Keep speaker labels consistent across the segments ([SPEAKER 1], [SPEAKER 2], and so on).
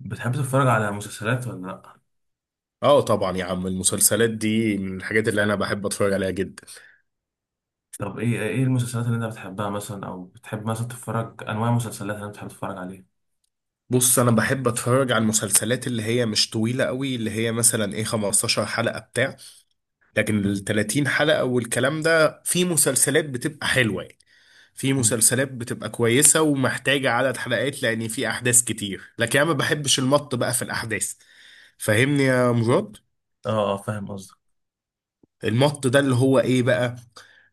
[SPEAKER 1] بتحب تتفرج على مسلسلات ولا لأ؟
[SPEAKER 2] اه، طبعا يا عم. المسلسلات دي من الحاجات اللي انا بحب اتفرج عليها جدا.
[SPEAKER 1] طب ايه المسلسلات اللي انت بتحبها مثلا او بتحب مثلا تتفرج انواع المسلسلات اللي انت بتحب تتفرج عليها؟
[SPEAKER 2] بص، انا بحب اتفرج على المسلسلات اللي هي مش طويلة قوي، اللي هي مثلا ايه 15 حلقة بتاع. لكن ال
[SPEAKER 1] مم.
[SPEAKER 2] 30 حلقة والكلام ده في مسلسلات بتبقى حلوة يعني. في
[SPEAKER 1] مم.
[SPEAKER 2] مسلسلات بتبقى كويسة ومحتاجة عدد حلقات لان في احداث كتير، لكن انا ما بحبش المط بقى في الاحداث. فاهمني يا مراد؟
[SPEAKER 1] اه، فاهم قصدك.
[SPEAKER 2] المط ده اللي هو ايه بقى؟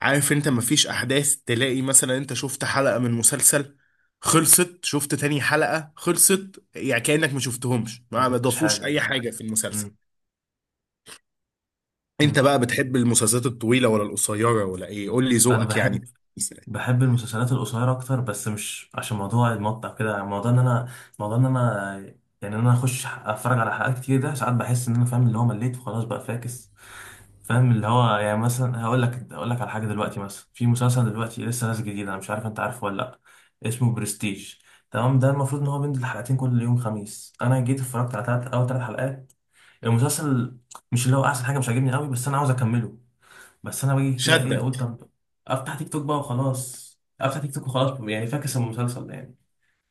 [SPEAKER 2] عارف انت، مفيش احداث. تلاقي مثلا انت شفت حلقة من مسلسل، خلصت، شفت تاني حلقة، خلصت، يعني كأنك ما شفتهمش،
[SPEAKER 1] ما
[SPEAKER 2] ما
[SPEAKER 1] فهمتش حاجة
[SPEAKER 2] ضافوش اي
[SPEAKER 1] يعني.
[SPEAKER 2] حاجة في المسلسل.
[SPEAKER 1] مم.
[SPEAKER 2] انت
[SPEAKER 1] مم.
[SPEAKER 2] بقى بتحب المسلسلات الطويلة ولا القصيرة ولا ايه؟ قول لي
[SPEAKER 1] انا
[SPEAKER 2] ذوقك يعني.
[SPEAKER 1] بحب، بحب المسلسلات القصيرة أكتر، بس مش عشان موضوع المقطع كده. موضوع إن أنا، موضوع إن أنا يعني إن أنا أخش أتفرج على حلقات كتير، ده ساعات بحس إن أنا فاهم اللي هو مليت وخلاص بقى فاكس. فاهم اللي هو، يعني مثلا هقول لك على حاجة دلوقتي. مثلا في مسلسل دلوقتي لسه نازل جديد، أنا مش عارف أنت عارفه ولا لأ، اسمه برستيج. تمام، ده المفروض إن هو بينزل حلقتين كل يوم خميس. أنا جيت اتفرجت على تلات، أول تلات حلقات المسلسل، مش اللي هو أحسن حاجة، مش عاجبني قوي، بس أنا عاوز أكمله. بس انا باجي كده، ايه اقول؟
[SPEAKER 2] شدك.
[SPEAKER 1] طب افتح تيك توك بقى وخلاص، افتح تيك توك وخلاص، يعني فاكس المسلسل ده يعني.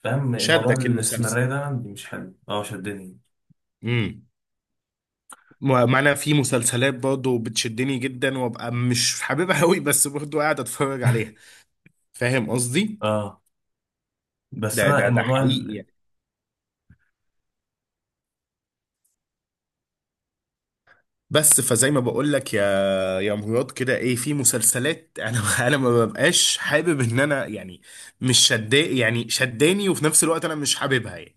[SPEAKER 1] فاهم الموضوع؟
[SPEAKER 2] شدك المسلسل.
[SPEAKER 1] الاستمرارية ده عندي مش حلو، اه شدني.
[SPEAKER 2] امم ما انا في مسلسلات برضه بتشدني جدا، وابقى مش حاببها قوي، بس برضه قاعد اتفرج عليها. فاهم قصدي؟
[SPEAKER 1] اه، بس
[SPEAKER 2] ده
[SPEAKER 1] انا
[SPEAKER 2] ده ده
[SPEAKER 1] الموضوع
[SPEAKER 2] حقيقي
[SPEAKER 1] ال...
[SPEAKER 2] يعني. بس فزي ما بقول لك يا مراد كده، ايه، في مسلسلات انا انا ما ببقاش حابب ان انا يعني مش شدا، يعني شداني، وفي نفس الوقت انا مش حاببها يعني.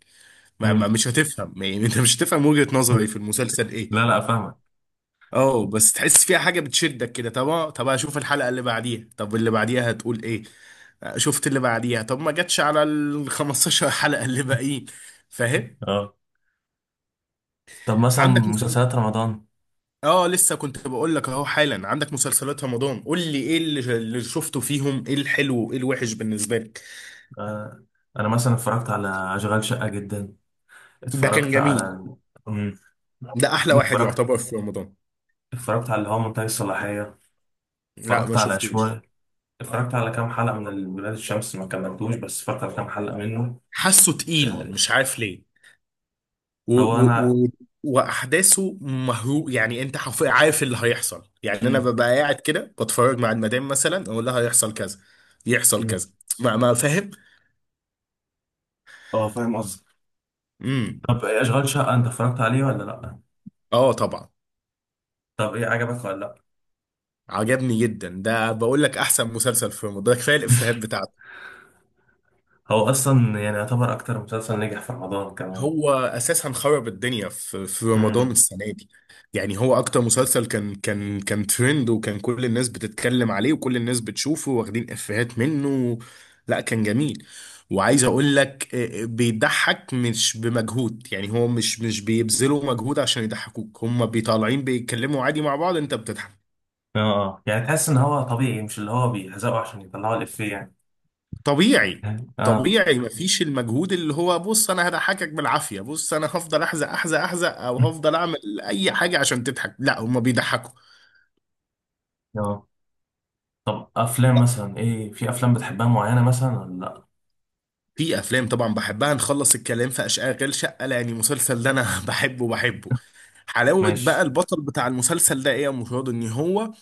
[SPEAKER 2] ما ما
[SPEAKER 1] امم
[SPEAKER 2] مش هتفهم يعني. انت مش هتفهم وجهة نظري في المسلسل ايه.
[SPEAKER 1] لا لا، فاهمك.
[SPEAKER 2] اه، بس تحس فيها حاجة بتشدك كده. طب طب اشوف الحلقة اللي بعديها. طب اللي بعديها هتقول ايه. شفت اللي بعديها. طب ما جاتش على ال 15 حلقة اللي باقيين. فاهم.
[SPEAKER 1] اه، طب مثلا
[SPEAKER 2] عندك،
[SPEAKER 1] مسلسلات رمضان.
[SPEAKER 2] اه لسه كنت بقول لك اهو حالا. عندك مسلسلات رمضان، قول لي ايه اللي شفته فيهم، ايه الحلو وايه الوحش بالنسبه لك.
[SPEAKER 1] آه، انا مثلا اتفرجت على اشغال شقة جدا.
[SPEAKER 2] ده كان
[SPEAKER 1] اتفرجت
[SPEAKER 2] جميل.
[SPEAKER 1] على، امم
[SPEAKER 2] ده احلى واحد
[SPEAKER 1] اتفرجت،
[SPEAKER 2] يعتبر في رمضان.
[SPEAKER 1] اتفرجت على اللي هو منتهي الصلاحية.
[SPEAKER 2] لا
[SPEAKER 1] اتفرجت
[SPEAKER 2] ما
[SPEAKER 1] على
[SPEAKER 2] شفتوش.
[SPEAKER 1] شوية، اتفرجت على كام حلقة من ال- ولاد الشمس، ما كملتوش بس اتفرجت على كام حلقة منه.
[SPEAKER 2] حاسه تقيل
[SPEAKER 1] آه،
[SPEAKER 2] مش عارف ليه. و
[SPEAKER 1] هو
[SPEAKER 2] و
[SPEAKER 1] انا،
[SPEAKER 2] و واحداثه مهرو يعني. انت عارف اللي هيحصل يعني. انا
[SPEAKER 1] مم،
[SPEAKER 2] ببقى قاعد كده بتفرج مع المدام، مثلا اقول لها هيحصل كذا، يحصل
[SPEAKER 1] مم.
[SPEAKER 2] كذا. ما فاهم.
[SPEAKER 1] اه.
[SPEAKER 2] امم
[SPEAKER 1] طب إيه اشغال شقه انت اتفرجت عليه ولا لا؟
[SPEAKER 2] اه طبعا.
[SPEAKER 1] طب ايه عجبك ولا لا؟
[SPEAKER 2] عجبني جدا. ده بقول لك احسن مسلسل في رمضان، ده كفايه الافيهات بتاعته.
[SPEAKER 1] هو اصلا يعني يعتبر اكتر مسلسل نجح في رمضان كمان.
[SPEAKER 2] هو اساسا خرب الدنيا في رمضان
[SPEAKER 1] امم
[SPEAKER 2] السنه دي. يعني هو اكتر مسلسل كان ترند، وكان كل الناس بتتكلم عليه وكل الناس بتشوفه واخدين افيهات منه. لا كان جميل. وعايز اقول لك بيضحك مش بمجهود، يعني هو مش بيبذلوا مجهود عشان يضحكوك، هم بيطالعين بيتكلموا عادي مع بعض، انت بتضحك.
[SPEAKER 1] اه، آه، يعني تحس ان هو طبيعي، مش اللي هو بيهزقوا عشان يطلعوا الافيه يعني.
[SPEAKER 2] طبيعي.
[SPEAKER 1] اه.
[SPEAKER 2] طبيعي مفيش المجهود اللي هو بص انا هضحكك بالعافيه، بص انا هفضل احزق احزق احزق، او هفضل اعمل اي حاجه عشان تضحك. لا هما بيضحكوا.
[SPEAKER 1] اه طب افلام مثلا، ايه في افلام بتحبها معينه مثلا ولا لا؟
[SPEAKER 2] في افلام طبعا بحبها. نخلص الكلام في اشغال شقه يعني. المسلسل ده انا بحبه بحبه. حلاوه بقى
[SPEAKER 1] ماشي.
[SPEAKER 2] البطل بتاع المسلسل ده ايه يا مراد، ان هو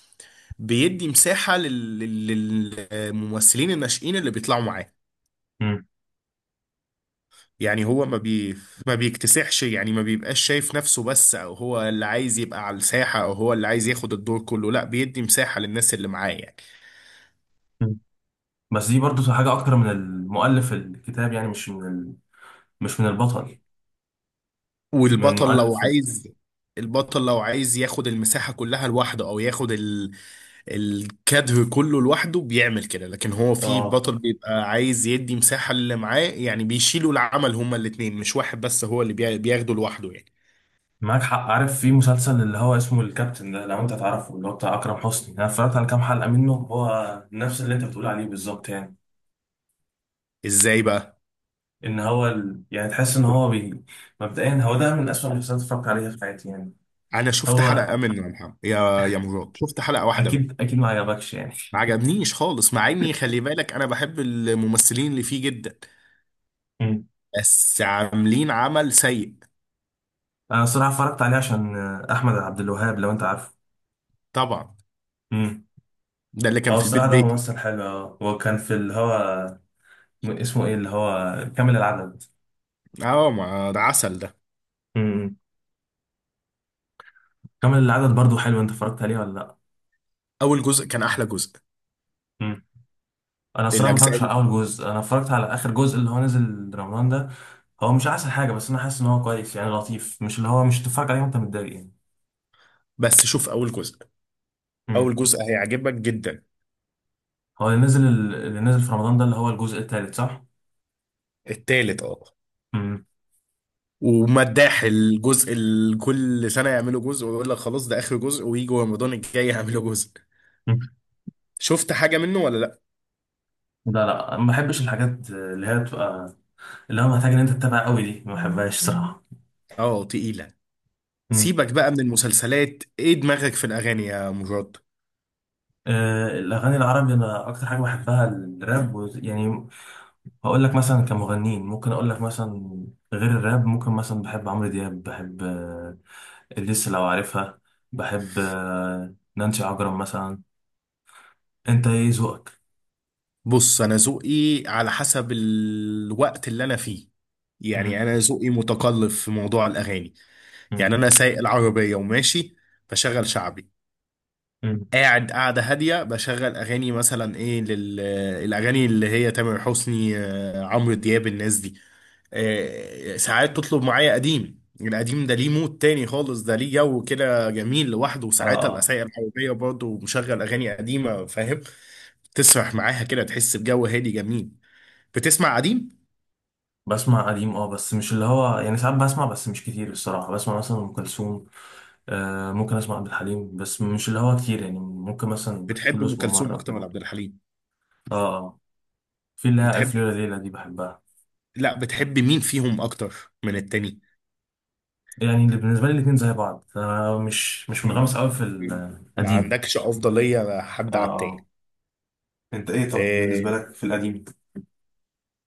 [SPEAKER 2] بيدي مساحه للممثلين الناشئين اللي بيطلعوا معاه.
[SPEAKER 1] مم.
[SPEAKER 2] يعني هو ما بيكتسحش، يعني ما بيبقاش شايف نفسه بس، او هو اللي عايز يبقى على الساحة، او هو اللي عايز ياخد الدور كله. لا، بيدي مساحة للناس اللي معاه يعني.
[SPEAKER 1] مم. بس دي برضو حاجه اكتر من المؤلف الكتاب يعني، مش من ال... مش من البطل، من
[SPEAKER 2] والبطل لو
[SPEAKER 1] المؤلف ال...
[SPEAKER 2] عايز البطل لو عايز ياخد المساحة كلها لوحده، او ياخد الكادر كله لوحده، بيعمل كده. لكن هو في
[SPEAKER 1] اه،
[SPEAKER 2] بطل بيبقى عايز يدي مساحة اللي معاه يعني، بيشيلوا العمل هما الاتنين، مش واحد بس هو اللي بياخده لوحده يعني.
[SPEAKER 1] معاك حق. عارف في مسلسل اللي هو اسمه الكابتن ده، لو انت تعرفه، اللي هو بتاع اكرم حسني؟ انا اتفرجت على كام حلقه منه، هو نفس اللي انت بتقول عليه بالظبط يعني.
[SPEAKER 2] ازاي بقى.
[SPEAKER 1] ان هو ال... يعني تحس ان هو بي... مبدئيا هو ده من اسوأ المسلسلات اللي اتفرجت عليها في حياتي يعني.
[SPEAKER 2] انا شفت
[SPEAKER 1] هو
[SPEAKER 2] حلقة منه يا محمد، يا مراد، شفت حلقة واحدة منه.
[SPEAKER 1] اكيد، ما عجبكش يعني.
[SPEAKER 2] ما عجبنيش خالص، مع اني خلي بالك انا بحب الممثلين اللي فيه جدا.
[SPEAKER 1] امم
[SPEAKER 2] بس عاملين عمل سيء.
[SPEAKER 1] انا الصراحه اتفرجت عليه عشان آه، احمد عبد الوهاب، لو انت عارفه.
[SPEAKER 2] طبعا.
[SPEAKER 1] امم
[SPEAKER 2] ده اللي كان
[SPEAKER 1] هو
[SPEAKER 2] في البيت
[SPEAKER 1] الصراحه ده
[SPEAKER 2] بيتي.
[SPEAKER 1] ممثل حلو. اه، هو كان في اللي هو، اسمه ايه اللي هو كامل العدد.
[SPEAKER 2] اه، ما ده عسل ده.
[SPEAKER 1] امم كامل العدد برضو حلو، انت اتفرجت عليه ولا
[SPEAKER 2] اول جزء كان احلى جزء.
[SPEAKER 1] لا؟ انا الصراحه ما
[SPEAKER 2] الاجزاء
[SPEAKER 1] اتفرجتش على
[SPEAKER 2] دي.
[SPEAKER 1] اول جزء، انا اتفرجت على اخر جزء اللي هو نزل رمضان ده. هو مش احسن حاجه، بس انا حاسس ان هو كويس يعني، لطيف، مش اللي هو مش تتفرج عليه وانت متضايق يعني.
[SPEAKER 2] بس شوف اول جزء.
[SPEAKER 1] امم
[SPEAKER 2] اول جزء هيعجبك جدا.
[SPEAKER 1] هو اللي نزل، اللي نزل في رمضان ده اللي هو الجزء الثالث صح؟
[SPEAKER 2] التالت اه.
[SPEAKER 1] امم
[SPEAKER 2] ومداح الجزء كل سنة يعملوا جزء ويقول لك خلاص ده آخر جزء، ويجوا رمضان الجاي يعملوا جزء. شفت حاجة منه ولا لا؟
[SPEAKER 1] لا لا، ما بحبش الحاجات اللي هي بتبقى، اللي هو محتاج ان انت تتابع قوي دي، ما بحبهاش صراحه.
[SPEAKER 2] اه تقيلة.
[SPEAKER 1] امم
[SPEAKER 2] سيبك بقى من المسلسلات، ايه دماغك في الأغاني يا مراد؟
[SPEAKER 1] آه، الاغاني العربي انا اكتر حاجه بحبها الراب و- يعني، هقول لك مثلا كمغنيين، ممكن اقول لك مثلا غير الراب، ممكن مثلا بحب عمرو دياب، بحب، لسه لو عارفها، بحب آه، نانسي عجرم مثلا. انت ايه ذوقك؟
[SPEAKER 2] بص، انا ذوقي على حسب الوقت اللي انا فيه. يعني
[SPEAKER 1] مم،
[SPEAKER 2] انا ذوقي متقلب في موضوع الاغاني.
[SPEAKER 1] مم،
[SPEAKER 2] يعني انا سايق العربيه وماشي بشغل شعبي.
[SPEAKER 1] مم.
[SPEAKER 2] قاعد، قاعده هاديه، بشغل اغاني مثلا ايه الاغاني اللي هي تامر حسني، عمرو دياب، الناس دي. ساعات تطلب معايا قديم، القديم ده ليه مود تاني خالص، ده ليه جو كده جميل لوحده.
[SPEAKER 1] اه،
[SPEAKER 2] وساعات ابقى سايق العربيه برضه ومشغل اغاني قديمه، فاهم. تسرح معاها كده، تحس بجو هادي جميل. بتسمع قديم.
[SPEAKER 1] بسمع قديم اه، بس مش اللي هو يعني، ساعات بسمع بس مش كتير الصراحة. بسمع مثلا ام كلثوم، آه ممكن اسمع عبد الحليم، بس مش اللي هو كتير يعني، ممكن مثلا
[SPEAKER 2] بتحب
[SPEAKER 1] كل
[SPEAKER 2] ام
[SPEAKER 1] اسبوع
[SPEAKER 2] كلثوم
[SPEAKER 1] مرة
[SPEAKER 2] اكتر
[SPEAKER 1] كده.
[SPEAKER 2] ولا عبد الحليم؟
[SPEAKER 1] اه، في اللي هي
[SPEAKER 2] بتحب
[SPEAKER 1] الف ليلة ليلة دي بحبها.
[SPEAKER 2] لا، بتحب مين فيهم اكتر من التاني؟
[SPEAKER 1] يعني اللي بالنسبة لي الاتنين زي بعض، انا مش،
[SPEAKER 2] مم.
[SPEAKER 1] منغمس قوي في
[SPEAKER 2] ما
[SPEAKER 1] القديم.
[SPEAKER 2] عندكش افضليه حد
[SPEAKER 1] اه،
[SPEAKER 2] على التاني.
[SPEAKER 1] انت ايه طب
[SPEAKER 2] آه،
[SPEAKER 1] بالنسبه لك في القديم؟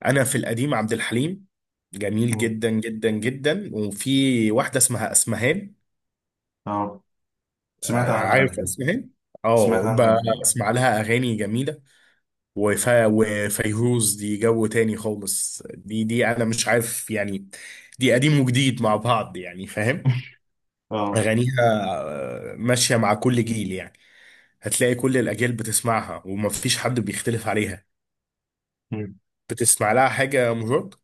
[SPEAKER 2] انا في القديم عبد الحليم جميل
[SPEAKER 1] مم.
[SPEAKER 2] جدا جدا جدا. وفي واحده اسمها اسمهان.
[SPEAKER 1] اه، سمعت عنها قبل
[SPEAKER 2] عارف
[SPEAKER 1] كده،
[SPEAKER 2] اسمهان.
[SPEAKER 1] سمعت
[SPEAKER 2] اه
[SPEAKER 1] عنها قبل كده
[SPEAKER 2] بسمع لها اغاني جميله. وفيروز دي جو تاني خالص، دي انا مش عارف يعني. دي قديم وجديد مع بعض يعني فاهم.
[SPEAKER 1] اه.
[SPEAKER 2] أغانيها ماشية مع كل جيل يعني. هتلاقي كل الأجيال بتسمعها ومفيش حد بيختلف عليها.
[SPEAKER 1] مم.
[SPEAKER 2] بتسمع لها حاجة يا مجرد؟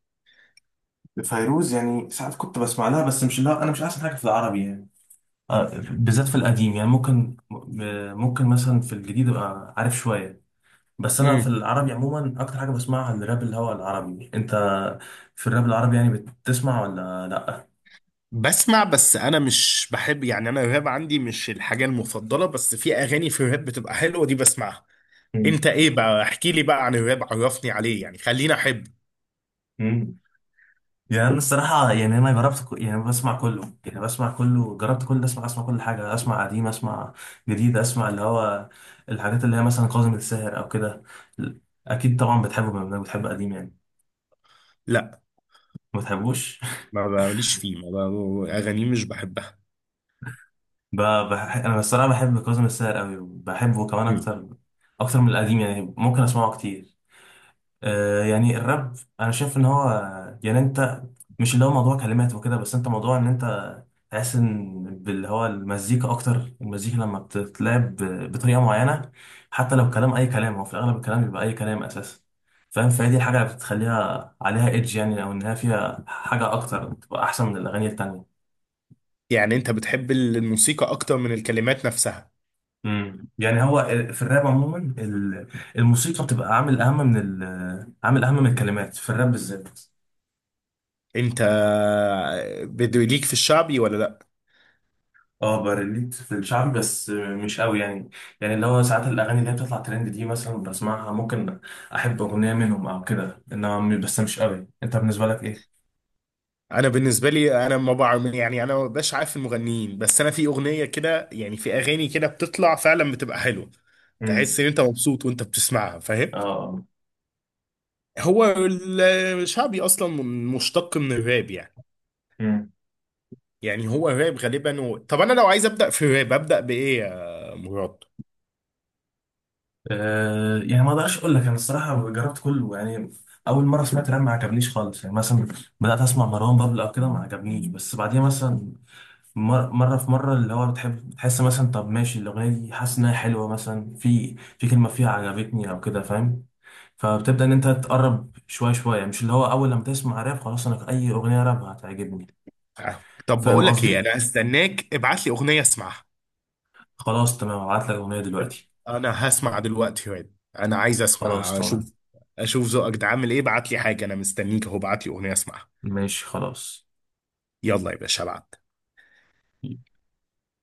[SPEAKER 1] فيروز يعني ساعات كنت بسمع لها، بس مش، لا انا مش احسن حاجه في العربي يعني. آه، بالذات في القديم يعني، ممكن م- ممكن مثلا في الجديد ابقى عارف شويه. بس انا في
[SPEAKER 2] امم
[SPEAKER 1] العربي عموما اكتر حاجه بسمعها الراب اللي هو العربي. انت في الراب العربي يعني بتسمع ولا لا؟
[SPEAKER 2] بسمع، بس أنا مش بحب يعني. أنا الراب عندي مش الحاجة المفضلة، بس في أغاني في الراب بتبقى حلوة دي بسمعها.
[SPEAKER 1] مم.
[SPEAKER 2] أنت إيه بقى؟ احكي لي بقى عن الراب، عرفني عليه يعني، خليني أحب.
[SPEAKER 1] مم. يعني انا الصراحه يعني، انا جربت ك- يعني بسمع كله، يعني بسمع كله. جربت كل ده، اسمع، كل حاجه، اسمع قديم، اسمع جديد، اسمع اللي هو الحاجات اللي هي مثلا كاظم الساهر او كده. اكيد طبعا بتحبه بما انك بتحب قديم يعني.
[SPEAKER 2] لا
[SPEAKER 1] ما بتحبوش؟
[SPEAKER 2] ما ماليش فيه، ما ب- أغانيه مش بحبها.
[SPEAKER 1] ب-، بح...، انا الصراحه بحب كاظم الساهر قوي، وبحبه كمان
[SPEAKER 2] مم.
[SPEAKER 1] اكتر، اكتر من القديم يعني، ممكن اسمعه كتير. آه، يعني الراب انا شايف ان هو، يعني انت، مش اللي هو موضوع كلمات وكده بس، انت موضوع ان انت تحس ان باللي هو المزيكا اكتر، المزيكا لما بتتلعب ب- بطريقه معينه، حتى لو كلام اي كلام، هو في الاغلب الكلام بيبقى اي كلام اساسا، فاهم؟ فهي دي الحاجه اللي بتخليها عليها ايدج يعني، او انها فيها حاجه اكتر بتبقى احسن من الاغاني التانيه.
[SPEAKER 2] يعني أنت بتحب الموسيقى أكتر من الكلمات نفسها.
[SPEAKER 1] يعني هو في الراب عموما ال- الموسيقى بتبقى عامل اهم من ال- عامل اهم من الكلمات في الراب بالذات.
[SPEAKER 2] انت بده ليك في الشعبي ولا لا.
[SPEAKER 1] اه بريليت في الشعب بس مش قوي يعني. يعني اللي هو ساعات الاغاني اللي هي بتطلع ترند دي مثلا بسمعها، ممكن احب اغنيه منهم او كده، انما م-، بس مش قوي. انت بالنسبه لك ايه؟
[SPEAKER 2] انا بالنسبه لي انا ما بعرف، يعني انا ما بقاش عارف المغنيين، بس انا في اغنيه كده يعني في اغاني كده بتطلع فعلا بتبقى حلوه.
[SPEAKER 1] امم
[SPEAKER 2] تحس ان انت مبسوط وانت بتسمعها،
[SPEAKER 1] اه
[SPEAKER 2] فاهم.
[SPEAKER 1] آه.
[SPEAKER 2] هو الشعبي اصلا مشتق من الراب يعني.
[SPEAKER 1] امم
[SPEAKER 2] يعني هو الراب غالبا طب انا لو عايز ابدا في الراب ابدا بايه يا مراد؟
[SPEAKER 1] آه، يعني ما اقدرش اقول لك، انا الصراحه جربت كله يعني. اول مره سمعت راب ما عجبنيش خالص يعني، مثلا بدات اسمع مروان بابلو او كده، ما عجبنيش، بس بعديها مثلا، مر- مره في مره، اللي هو بتحب بتحس مثلا، طب ماشي الاغنيه دي حاسس انها حلوه، مثلا في كلمه فيها عجبتني او كده، فاهم؟ فبتبدأ إن أنت تقرب شوية شوية، مش اللي هو أول لما تسمع راب خلاص أنا أي أغنية راب هتعجبني.
[SPEAKER 2] طب
[SPEAKER 1] فاهم
[SPEAKER 2] بقول لك ايه،
[SPEAKER 1] قصدي؟
[SPEAKER 2] انا هستناك ابعت لي اغنيه اسمعها.
[SPEAKER 1] خلاص تمام، هبعت لك أغنية دلوقتي.
[SPEAKER 2] انا هسمع دلوقتي واد، انا عايز
[SPEAKER 1] خلاص
[SPEAKER 2] اسمع
[SPEAKER 1] تمام.
[SPEAKER 2] اشوف. اشوف ذوقك ده عامل ايه، ابعت لي حاجه، انا مستنيك اهو، ابعت لي اغنيه اسمعها.
[SPEAKER 1] ماشي خلاص.
[SPEAKER 2] يلا يا باشا ابعت